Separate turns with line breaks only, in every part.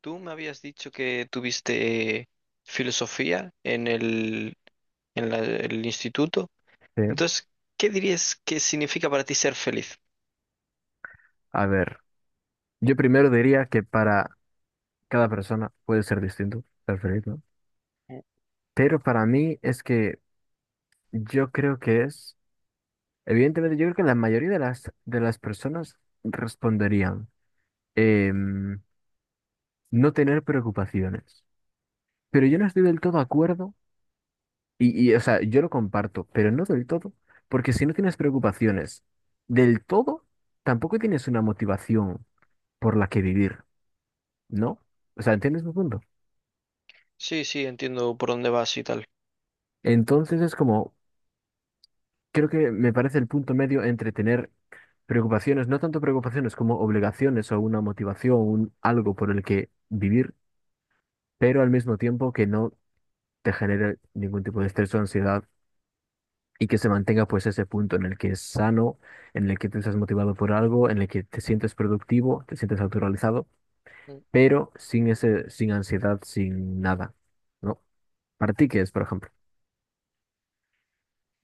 Tú me habías dicho que tuviste filosofía en el instituto.
Sí,
Entonces, ¿qué dirías que significa para ti ser feliz?
a ver, yo primero diría que para cada persona puede ser distinto ser feliz, ¿no?
Mm.
Pero para mí es que yo creo que es, evidentemente yo creo que la mayoría de las personas responderían em, no tener preocupaciones. Pero yo no estoy del todo de acuerdo y o sea, yo lo comparto, pero no del todo, porque si no tienes preocupaciones del todo, tampoco tienes una motivación por la que vivir, ¿no? O sea, ¿entiendes mi punto?
Sí, sí, entiendo por dónde vas y tal.
Entonces es como... Creo que me parece el punto medio entre tener preocupaciones, no tanto preocupaciones como obligaciones o una motivación, un algo por el que vivir, pero al mismo tiempo que no te genere ningún tipo de estrés o ansiedad y que se mantenga pues ese punto en el que es sano, en el que te estás motivado por algo, en el que te sientes productivo, te sientes autorrealizado,
Mm.
pero sin ese, sin ansiedad, sin nada, ¿no? Para ti, ¿qué es, por ejemplo?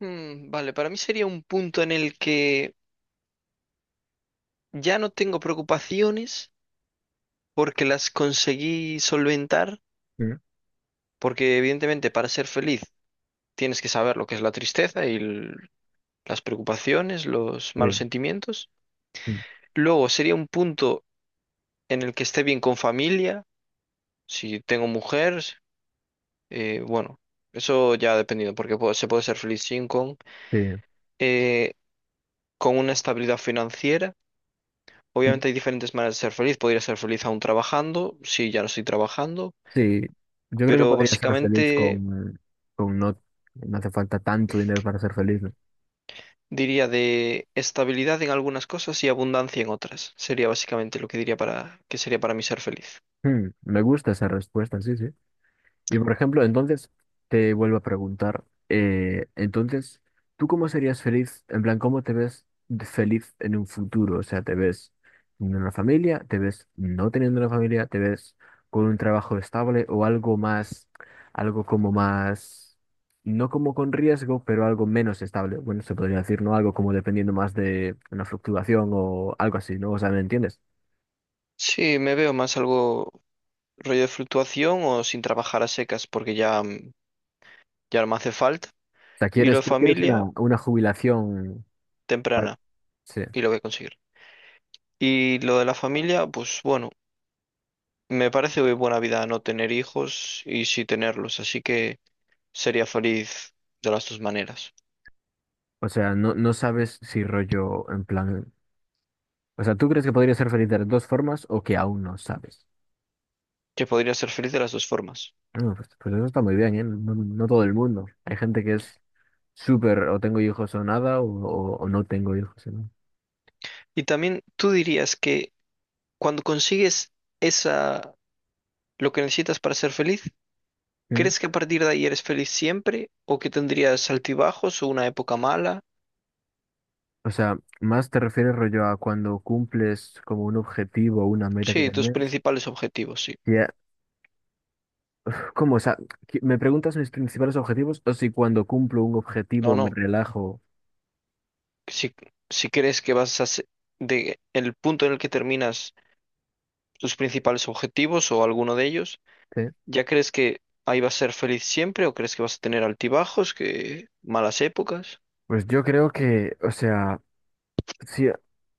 Mm, vale, para mí sería un punto en el que ya no tengo preocupaciones porque las conseguí solventar,
Mm,
porque evidentemente para ser feliz tienes que saber lo que es la tristeza y las preocupaciones, los
sí,
malos sentimientos.
mm,
Luego sería un punto en el que esté bien con familia, si tengo mujer, bueno, eso ya dependiendo, porque se puede ser feliz sin con, eh, con una estabilidad financiera.
sí.
Obviamente hay diferentes maneras de ser feliz, podría ser feliz aún trabajando, si ya no estoy trabajando,
Sí, yo creo que
pero
podría ser feliz
básicamente
con no, no hace falta tanto dinero para ser feliz, ¿no?
diría de estabilidad en algunas cosas y abundancia en otras. Sería básicamente lo que diría que sería para mí ser feliz.
Hmm, me gusta esa respuesta, sí, sí. Y por ejemplo, entonces te vuelvo a preguntar, entonces, ¿tú cómo serías feliz? En plan, ¿cómo te ves de feliz en un futuro? O sea, ¿te ves teniendo una familia? ¿Te ves no teniendo una familia? ¿Te ves con un trabajo estable o algo más, algo como más, no como con riesgo, pero algo menos estable? Bueno, se podría decir, ¿no? Algo como dependiendo más de una fluctuación o algo así, ¿no? O sea, ¿me entiendes?
Sí, me veo más algo rollo de fluctuación o sin trabajar a secas, porque ya, ya no me hace falta.
O sea,
Y lo de
tú quieres
familia,
una jubilación? Para-
temprana,
sí.
y lo voy a conseguir. Y lo de la familia, pues bueno, me parece muy buena vida no tener hijos y sí tenerlos, así que sería feliz de las dos maneras,
O sea, no, no sabes si rollo en plan... O sea, ¿tú crees que podría ser feliz de las dos formas o que aún no sabes?
que podría ser feliz de las dos formas.
No, pues, pues eso está muy bien, ¿eh? No, no todo el mundo. Hay gente que es súper o tengo hijos o nada o, o no tengo hijos. ¿No?
Y también tú dirías que cuando consigues esa, lo que necesitas para ser feliz,
¿Mm?
¿crees que a partir de ahí eres feliz siempre o que tendrías altibajos o una época mala?
O sea, más te refieres rollo a cuando cumples como un objetivo o una meta que
Sí, tus
tenés.
principales objetivos, sí.
Ya, ¿cómo? O sea, ¿qué- ¿me preguntas mis principales objetivos o si cuando cumplo un
¿O
objetivo me
no?
relajo?
si, si crees que de el punto en el que terminas tus principales objetivos o alguno de ellos,
¿Sí?
¿ya crees que ahí vas a ser feliz siempre o crees que vas a tener altibajos, que malas épocas?
Pues o sea... Sí,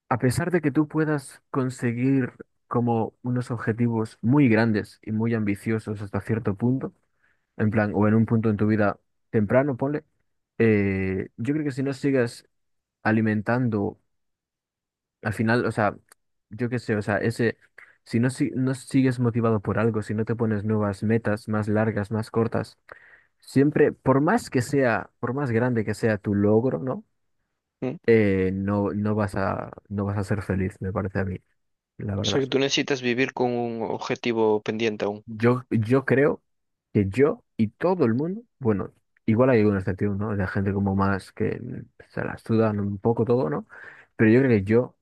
a pesar de que tú puedas conseguir como unos objetivos muy grandes y muy ambiciosos hasta cierto punto, en plan, o en un punto en tu vida temprano, ponle, yo creo que si no sigas alimentando, al final, o sea, yo qué sé, o sea, ese, si no, si- no sigues motivado por algo, si no te pones nuevas metas más largas, más cortas, siempre, por más que sea, por más grande que sea tu logro, ¿no?
¿Mm?
No vas no vas a ser feliz, me parece a mí. La
O
verdad.
sea, que
Sí.
tú necesitas vivir con un objetivo pendiente aún.
Yo creo que yo y todo el mundo, bueno, igual hay una excepción, ¿no? De gente como más que mm, se las sudan un poco todo, ¿no? Pero yo creo que yo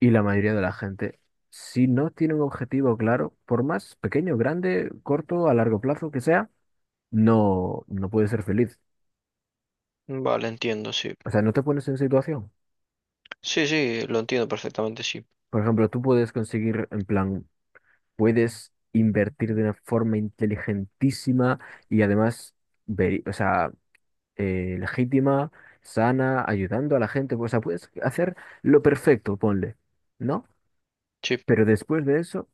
y la mayoría de la gente, si no tiene un objetivo claro, por más pequeño, grande, corto, a largo plazo que sea, no puedes ser feliz.
Mm, vale, entiendo, sí.
O sea, no te pones en situación.
Sí, sí, lo entiendo perfectamente, sí.
Por ejemplo, tú puedes conseguir, en plan, puedes invertir de una forma inteligentísima y además, ver, o sea, legítima, sana, ayudando a la gente. Pues, o sea, puedes hacer lo perfecto, ponle, ¿no?
Sí.
Pero después de eso,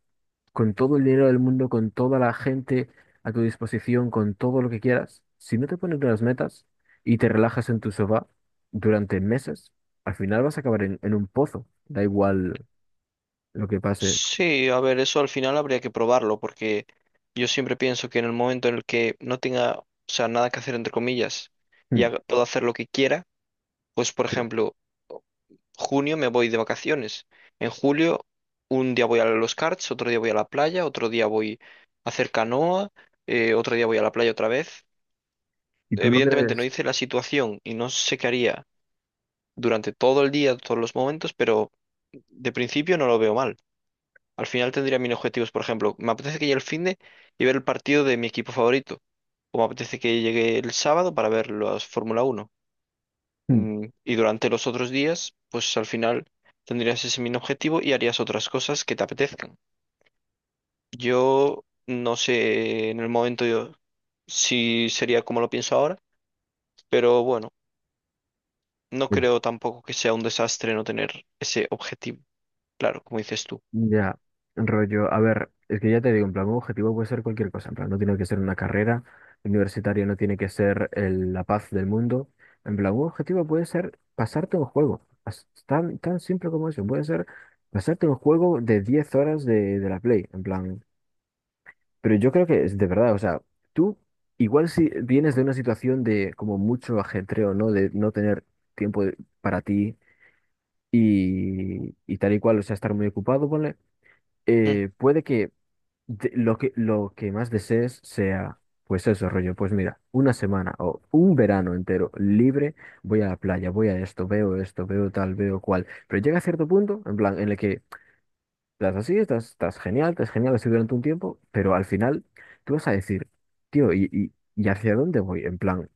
con todo el dinero del mundo, con toda la gente a tu disposición, con todo lo que quieras, si no te pones unas metas y te relajas en tu sofá durante meses, al final vas a acabar en un pozo. Da igual lo que pase.
Sí, a ver, eso al final habría que probarlo, porque yo siempre pienso que en el momento en el que no tenga, o sea, nada que hacer, entre comillas, y
Hmm.
pueda hacer lo que quiera. Pues, por ejemplo, junio me voy de vacaciones. En julio, un día voy a los karts, otro día voy a la playa, otro día voy a hacer canoa, otro día voy a la playa otra vez.
¿Y tú no
Evidentemente no
crees?
hice la situación y no sé qué haría durante todo el día, todos los momentos, pero de principio no lo veo mal. Al final tendría mis objetivos, por ejemplo, me apetece que llegue el finde y ver el partido de mi equipo favorito, o me apetece que llegue el sábado para ver las Fórmula 1.
Hmm.
Mm, y durante los otros días, pues al final tendrías ese mismo objetivo y harías otras cosas que te apetezcan. Yo No sé en el momento yo si sería como lo pienso ahora, pero bueno, no creo tampoco que sea un desastre no tener ese objetivo, claro, como dices tú.
Ya, rollo, a ver, es que ya te digo, en plan, un objetivo puede ser cualquier cosa, en plan, no tiene que ser una carrera universitaria, no tiene que ser el- la paz del mundo, en plan, un objetivo puede ser pasarte un juego, as- tan, tan simple como eso, puede ser pasarte un juego de 10 horas de la Play, en plan, pero yo creo que es de verdad, o sea, tú igual si vienes de una situación de como mucho ajetreo, ¿no? De no tener tiempo de- para ti y tal y cual, o sea, estar muy ocupado, ponle,
Mm.
puede que de- lo que más desees sea, pues eso, rollo, pues mira, una semana o un verano entero libre, voy a la playa, voy a esto, veo tal, veo cual. Pero llega a cierto punto, en plan, en el que estás así, estás genial así durante un tiempo, pero al final tú vas a decir, tío, y hacia dónde voy? En plan,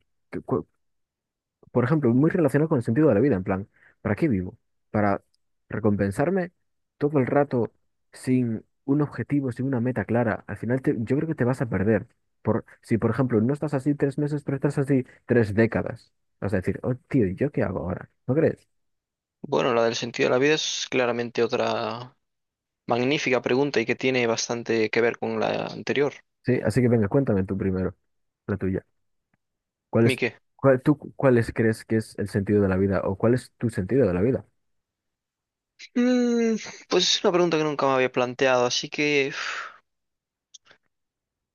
por ejemplo, muy relacionado con el sentido de la vida, en plan, ¿para qué vivo? ¿Para recompensarme todo el rato sin un objetivo, sin una meta clara? Al final te- yo creo que te vas a perder. Por, si, por ejemplo, no estás así tres meses, pero estás así tres décadas, vas a decir, oh, tío, ¿y yo qué hago ahora? ¿No crees?
Bueno, la del sentido de la vida es claramente otra magnífica pregunta y que tiene bastante que ver con la anterior.
Sí, así que venga, cuéntame tú primero, la tuya. ¿Cuál es,
Mique.
cuál, tú, cuáles crees que es el sentido de la vida o cuál es tu sentido de la vida?
Mm, pues es una pregunta que nunca me había planteado, así que... uf,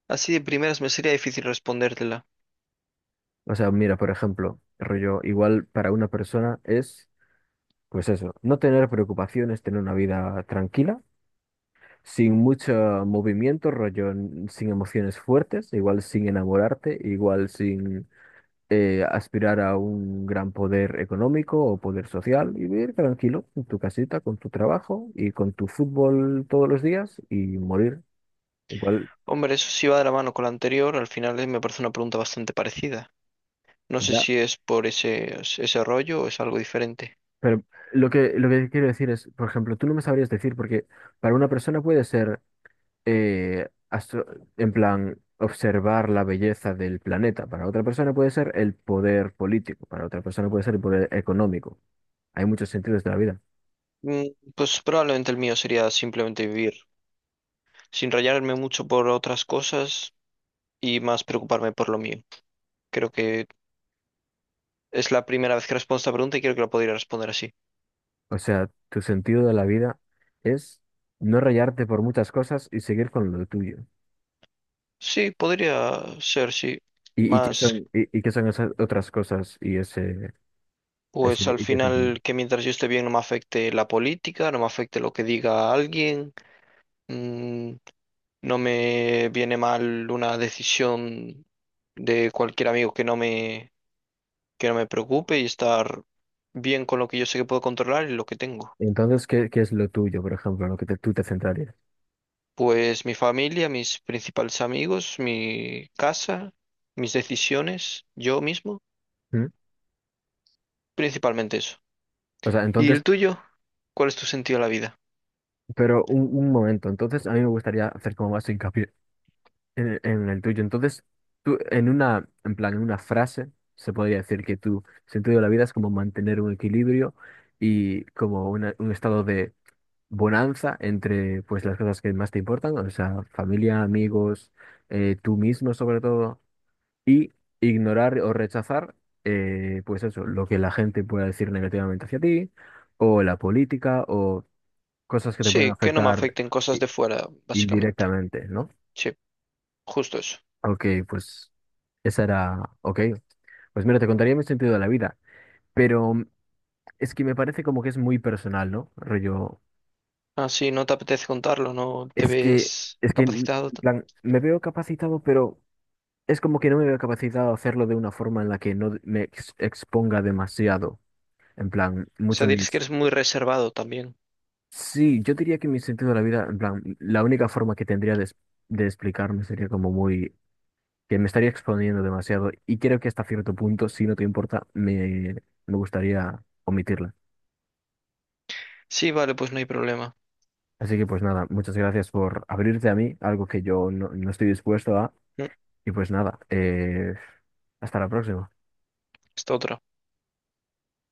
así de primeras me sería difícil respondértela.
O sea, mira, por ejemplo, rollo, igual para una persona es... Pues eso, no tener preocupaciones, tener una vida tranquila, sin mucho movimiento, rollo, n- sin emociones fuertes, igual sin enamorarte, igual sin aspirar a un gran poder económico o poder social, y vivir tranquilo en tu casita, con tu trabajo y con tu fútbol todos los días y morir. Igual,
Hombre, eso sí va de la mano con la anterior, al final me parece una pregunta bastante parecida. No sé
ya.
si es por ese rollo o es algo diferente.
Pero lo que quiero decir es, por ejemplo, tú no me sabrías decir, porque para una persona puede ser astro- en plan, observar la belleza del planeta. Para otra persona puede ser el poder político, para otra persona puede ser el poder económico. Hay muchos sentidos de la vida.
Mm, pues probablemente el mío sería simplemente vivir, sin rayarme mucho por otras cosas y más preocuparme por lo mío. Creo que es la primera vez que respondo esta pregunta y creo que la podría responder así.
O sea, tu sentido de la vida es no rayarte por muchas cosas y seguir con lo tuyo.
Sí, podría ser, sí.
Qué
Más,
son, y qué son esas otras cosas y ese
pues al
y qué es lo tuyo?
final que mientras yo esté bien no me afecte la política, no me afecte lo que diga alguien. Mm, no me viene mal una decisión de cualquier amigo que no me preocupe y estar bien con lo que yo sé que puedo controlar y lo que tengo.
Entonces, qué es lo tuyo, por ejemplo, en lo que te- tú te centrarías?
Pues mi familia, mis principales amigos, mi casa, mis decisiones, yo mismo,
¿Mm?
principalmente eso.
O sea,
¿Y
entonces,
el tuyo? ¿Cuál es tu sentido a la vida?
pero un momento, entonces a mí me gustaría hacer como más hincapié en el tuyo. Entonces, tú, en una, en plan, en una frase, se podría decir que tu sentido de la vida es como mantener un equilibrio y como una- un estado de bonanza entre, pues, las cosas que más te importan, o sea, familia, amigos, tú mismo sobre todo, y ignorar o rechazar, pues eso, lo que la gente pueda decir negativamente hacia ti, o la política, o cosas que te
Sí,
pueden
que no me
afectar
afecten cosas
i-
de fuera, básicamente.
indirectamente, ¿no?
Sí, justo eso.
Ok, pues esa era, ok. Pues mira, te contaría mi sentido de la vida, pero mm, es que me parece como que es muy personal, ¿no? Rollo,
Ah, sí, no te apetece contarlo, no te
es que,
ves
es que, mm,
capacitado. O
en plan, me veo capacitado, pero es como que no me veo capacitado a hacerlo de una forma en la que no me ex- exponga demasiado, en plan, mucho
sea, dices que
mis...
eres muy reservado también.
Sí, yo diría que mi sentido de la vida, en plan, la única forma que tendría de, es- de explicarme sería como muy que me estaría exponiendo demasiado y creo que hasta cierto punto, si no te importa, me gustaría omitirla.
Sí, vale, pues no hay problema.
Así que pues nada, muchas gracias por abrirte a mí, algo que yo no estoy dispuesto a.
Mm,
Y pues nada, hasta la próxima.
esta otra.